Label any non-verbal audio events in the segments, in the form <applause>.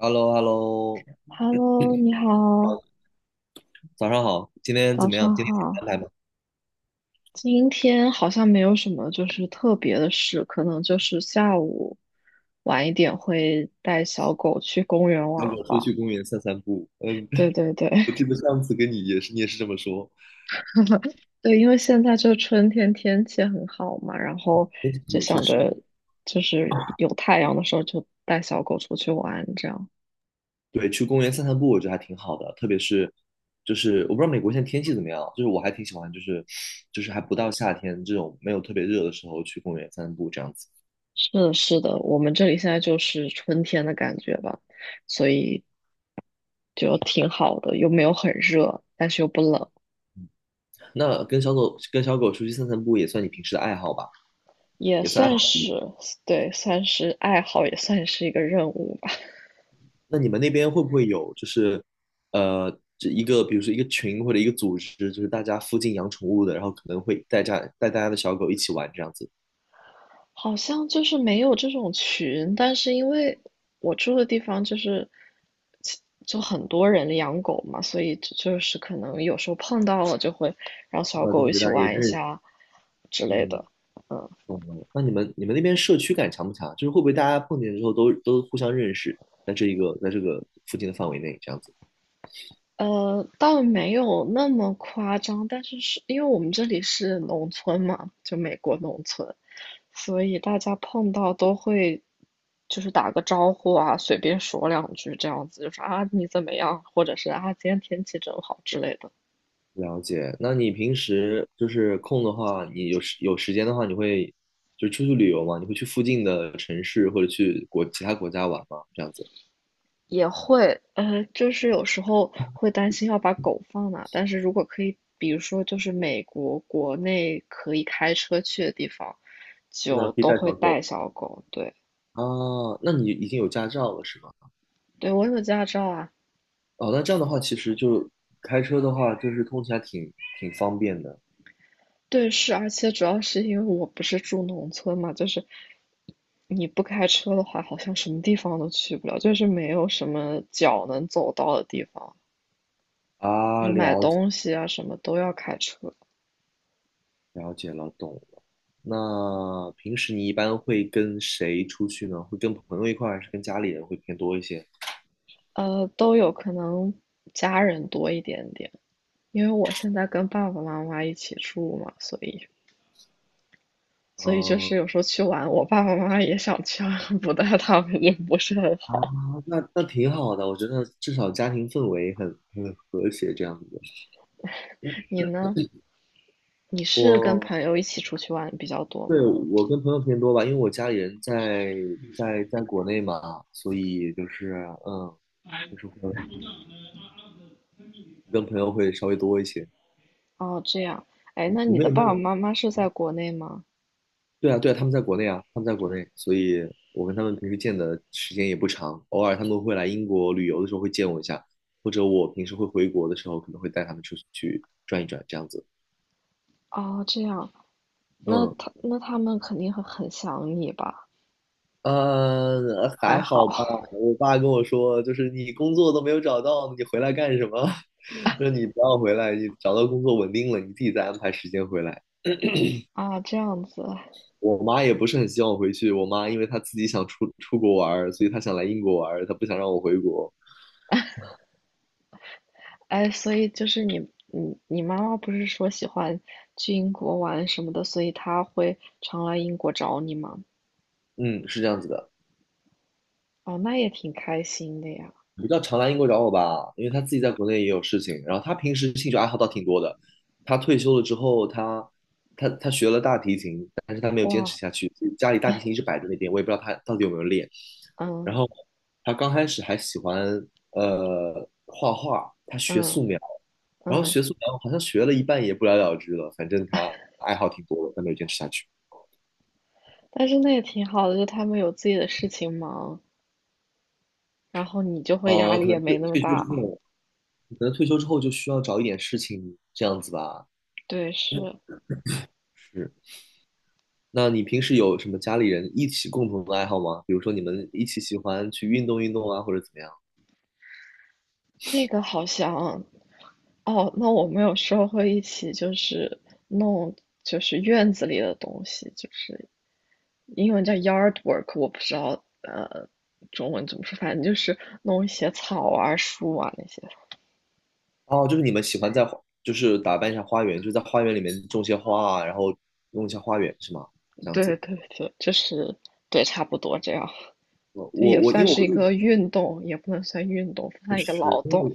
h e l l o h e l l o Hello，你好，好，早上好，今天怎早么样？上今天有好。安排吗？今天好像没有什么就是特别的事，可能就是下午晚一点会带小狗去公园小玩狗出吧。去公园散散步。嗯，对 <laughs> 对对，我记得上次跟你也是，你也是这么说。<laughs> 对，因为现在就春天天气很好嘛，然后天气不就错，确想实。着就是有太阳的时候就带小狗出去玩这样。对，去公园散散步，我觉得还挺好的，特别是就是我不知道美国现在天气怎么样，就是我还挺喜欢，就是还不到夏天这种没有特别热的时候去公园散散步这样子。是的，是的，我们这里现在就是春天的感觉吧，所以就挺好的，又没有很热，但是又不冷，那跟小狗出去散散步也算你平时的爱好吧？也也算。算是，对，算是爱好，也算是一个任务吧。那你们那边会不会有就是呃，这一个比如说一个群或者一个组织，就是大家附近养宠物的，然后可能会带大家的小狗一起玩这样子，好像就是没有这种群，但是因为我住的地方就是其就很多人养狗嘛，所以就是可能有时候碰到了就会让碰小到就狗一会起大家也玩一认识。下之类嗯，的。懂了。那你们那边社区感强不强？就是会不会大家碰见之后都互相认识，在这个附近的范围内这样子？倒没有那么夸张，但是是因为我们这里是农村嘛，就美国农村，所以大家碰到都会就是打个招呼啊，随便说两句这样子，就是啊你怎么样，或者是啊今天天气真好之类的，了解。那你平时就是空的话，你有时间的话，你会就是出去旅游吗？你会去附近的城市或者去其他国家玩吗？这样子？也会就是有时候会担心要把狗放哪，但是如果可以，比如说就是美国国内可以开车去的地方，那就可以都带会小狗。带小狗，对。啊，那你已经有驾照了是吗？对，我有驾照啊，哦，那这样的话，其实就开车的话，就是通勤还挺方便的对，是，而且主要是因为我不是住农村嘛，就是你不开车的话，好像什么地方都去不了，就是没有什么脚能走到的地方，就啊。是买了解东西啊什么都要开车，了解了，懂了。那平时你一般会跟谁出去呢？会跟朋友一块儿，还是跟家里人会偏多一些？都有可能家人多一点点，因为我现在跟爸爸妈妈一起住嘛，所以就嗯是有时候去玩，我爸爸妈妈也想去啊，<laughs> 不带他们也不是很啊，好。那挺好的，我觉得至少家庭氛围很和谐这样子。你呢？你是跟我朋友一起出去玩比较多对吗？我跟朋友偏多吧，因为我家里人在国内嘛，所以就是会。跟朋友会稍微多一些。哦，这样，哎，那你你们的有没爸爸有？妈妈是在国内吗？对啊，对啊，他们在国内啊，他们在国内，所以我跟他们平时见的时间也不长，偶尔他们会来英国旅游的时候会见我一下，或者我平时会回国的时候可能会带他们出去转一转这样子。哦，这样，嗯，那他们肯定会很想你吧？还还好 好吧。<laughs> 我爸跟我说，就是你工作都没有找到，你回来干什么？<laughs> 说你不要回来，你找到工作稳定了，你自己再安排时间回来。啊，这样子，我妈也不是很希望我回去。我妈因为她自己想出国玩儿，所以她想来英国玩儿，她不想让我回国。哎，所以就是你妈妈不是说喜欢去英国玩什么的，所以她会常来英国找你吗？嗯，是这样子的。哦，那也挺开心的呀，你到常来英国找我吧，因为他自己在国内也有事情。然后他平时兴趣爱好倒挺多的。他退休了之后，他学了大提琴，但是他没有坚持哇，下去，所以家里大提琴一直摆在那边，我也不知道他到底有没有练。然嗯后他刚开始还喜欢画画，他学嗯素描，然后嗯，学素描好像学了一半也不了了之了，反正他爱好挺多的，但没有坚持下去。但是那也挺好的，就他们有自己的事情忙，然后你就会压力可也能退没那么退休大。之后，可能退休之后就需要找一点事情这样子吧。对，是是。那你平时有什么家里人一起共同的爱好吗？比如说你们一起喜欢去运动运动啊，或者怎么样？那个好像哦，那我们有时候会一起就是弄就是院子里的东西，就是英文叫 yard work，我不知道中文怎么说，反正就是弄一些草啊、树啊那些。哦，就是你们喜欢就是打扮一下花园，就在花园里面种些花啊，然后弄一下花园是吗？这样对对子。对，就是对，差不多这样。我这我也我因为算我是一入个运动，也不能算运动，算一个识，劳因为动。我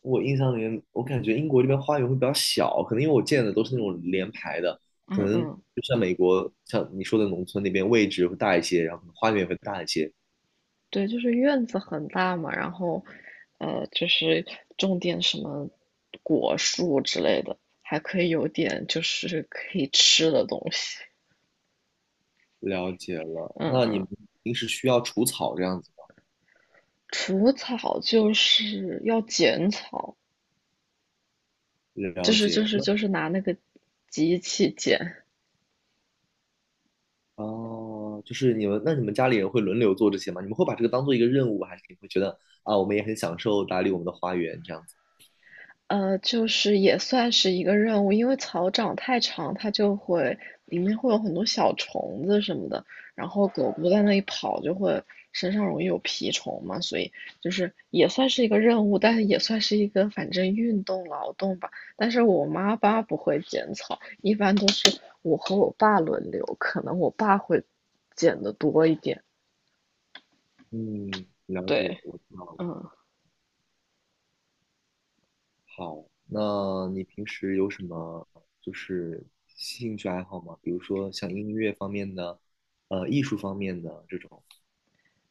我印象里面，我感觉英国这边花园会比较小，可能因为我见的都是那种连排的，可嗯能嗯。就像美国，像你说的农村那边位置会大一些，然后可能花园也会大一些。对，就是院子很大嘛，然后，就是种点什么果树之类的，还可以有点就是可以吃的东西。了解了，嗯那你嗯，们平时需要除草这样子吗？除草就是要剪草，了解，那就是拿那个机器剪。哦，就是你们，那你们，家里人会轮流做这些吗？你们会把这个当做一个任务，还是你会觉得啊，我们也很享受打理我们的花园这样子？就是也算是一个任务，因为草长太长，它就会里面会有很多小虫子什么的，然后狗狗在那里跑就会身上容易有蜱虫嘛，所以就是也算是一个任务，但是也算是一个反正运动劳动吧。但是我妈爸不会剪草，一般都是我和我爸轮流，可能我爸会剪的多一点。嗯，了解，对，我知道了。嗯。好，那你平时有什么就是兴趣爱好吗？比如说像音乐方面的，艺术方面的这种。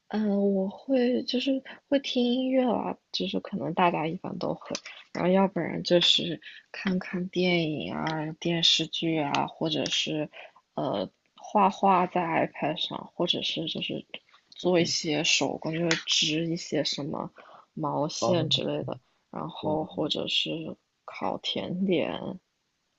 嗯，我会就是会听音乐啦，就是可能大家一般都会，然后要不然就是看看电影啊、电视剧啊，或者是画画在 iPad 上，或者是就是做一些手工，就是织一些什么毛哦，线之类的，然后或者是烤甜点，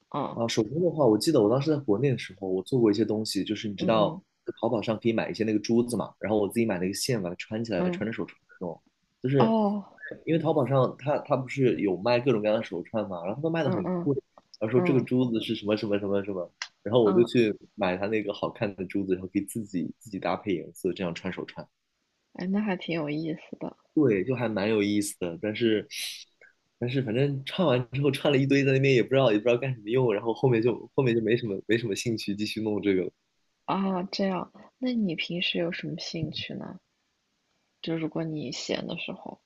嗯啊，手工的话，我记得我当时在国内的时候，我做过一些东西，就是你知嗯道嗯淘宝上可以买一些那个珠子嘛，然后我自己买了一个线，把它穿起来，嗯，穿着手串那种，就是哦，因为淘宝上它不是有卖各种各样的手串嘛，然后他们卖的嗯很嗯贵，然后说这个嗯珠子是什么什么什么什么，然后我就嗯，去买它那个好看的珠子，然后可以自己搭配颜色，这样穿手串。哎，那还挺有意思的。对，就还蛮有意思的，但是反正唱完之后唱了一堆，在那边也不知道干什么用，然后后面就没什么兴趣继续弄这个了。啊，这样，那你平时有什么兴趣呢？就如果你闲的时候，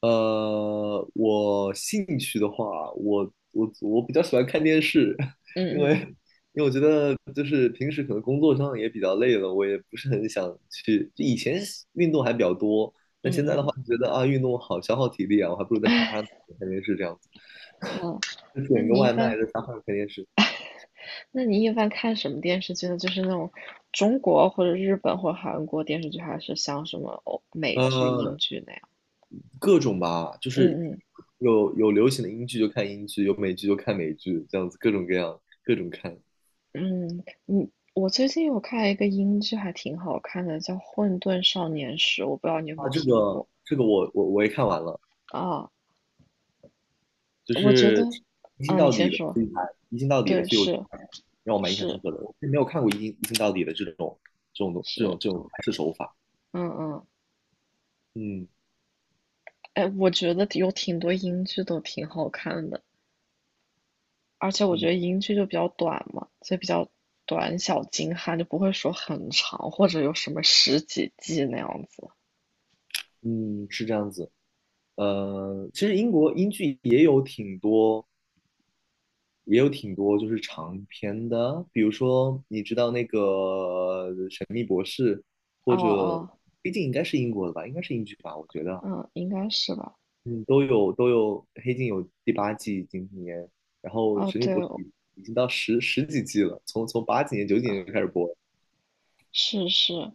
我兴趣的话，我比较喜欢看电视，嗯 <laughs> 因嗯为就是平时可能工作上也比较累了，我也不是很想去。就以前运动还比较多，那嗯现在的话嗯，觉得啊，运动好消耗体力啊，我还不如在沙发上躺着看电视这样子，哦，就那点个你一外般，卖在沙发上看电视。那你一般看什么电视剧呢？就是那种中国或者日本或者韩国电视剧，还是像什么欧美剧、英呃，剧那样？各种吧，就是嗯嗯有流行的英剧就看英剧，有美剧就看美剧，这样子各种各样各种看嗯，我最近有看一个英剧，还挺好看的，叫《混沌少年时》，我不知道你有没啊。有这听个过这个我也看完了，啊？就我觉是得一镜啊，你到先底的，说，所以才一镜到底的，对，所以我觉是得让我蛮印象深是刻的。我是没有看过一镜到底的这种这种东这种是，这种拍摄手法。嗯嗯。嗯哎，我觉得有挺多英剧都挺好看的，而且我觉嗯得英剧就比较短嘛，所以比较短小精悍，就不会说很长或者有什么十几季那样子。嗯，是这样子。其实英剧也有挺多。也有挺多就是长篇的啊，比如说你知道那个神秘博士》，哦或者哦，《黑镜》应该是英国的吧，应该是英剧吧，我觉得啊，嗯，应该是吧。嗯，都有都有，《黑镜》有第八季今年，然后哦，《神秘对，博士》已经到十几季了，从八几年九几年就开始播了。是是。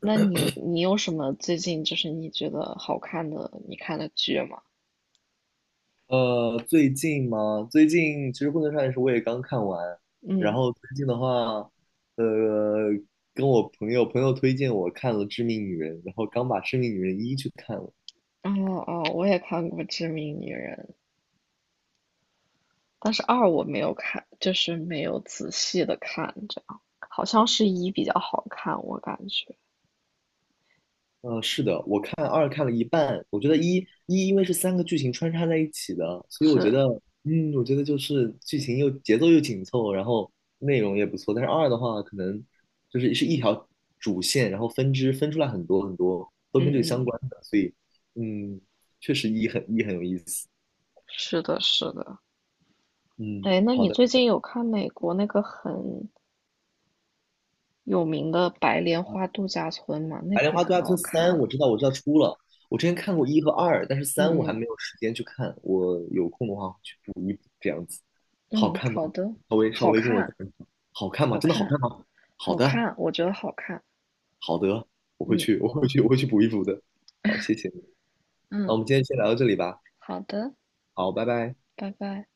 那你有什么最近就是你觉得好看的你看的剧吗？最近其实《混沌少年时》我也刚看完，然嗯，后最近的话，呃，跟我朋友推荐我看了《致命女人》，然后刚把《致命女人一》去看了。哦哦，我也看过《致命女人》。但是二我没有看，就是没有仔细的看，这样好像是一比较好看，我感觉。是的，我看二看了一半，我觉得一因为是三个剧情穿插在一起的，所以我觉是，得，嗯，我觉得就是剧情又节奏又紧凑，然后内容也不错。但是二的话，可能是一条主线，然后分支分出来很多很多，都跟这个嗯相嗯，关的，所以，嗯，确实一很有意思。是的，是的。嗯，哎，那好你的。最近有看美国那个很有名的白莲花度假村吗？那白个莲也花度可假村好看三》，我了。知道，我知道出了。我之前看过一和二，但是嗯三我还嗯没有时间去看。我有空的话会去补一补，这样子。好嗯，看吗？好的，稍微稍好微跟我讲看，一讲，好看吗？好真的好看看，吗？好好的，看，我觉得好看。好的，我会嗯去，我会去，我会去补一补的。好，谢谢你。那嗯，我们今天先聊到这里吧。好的，好，拜拜。拜拜。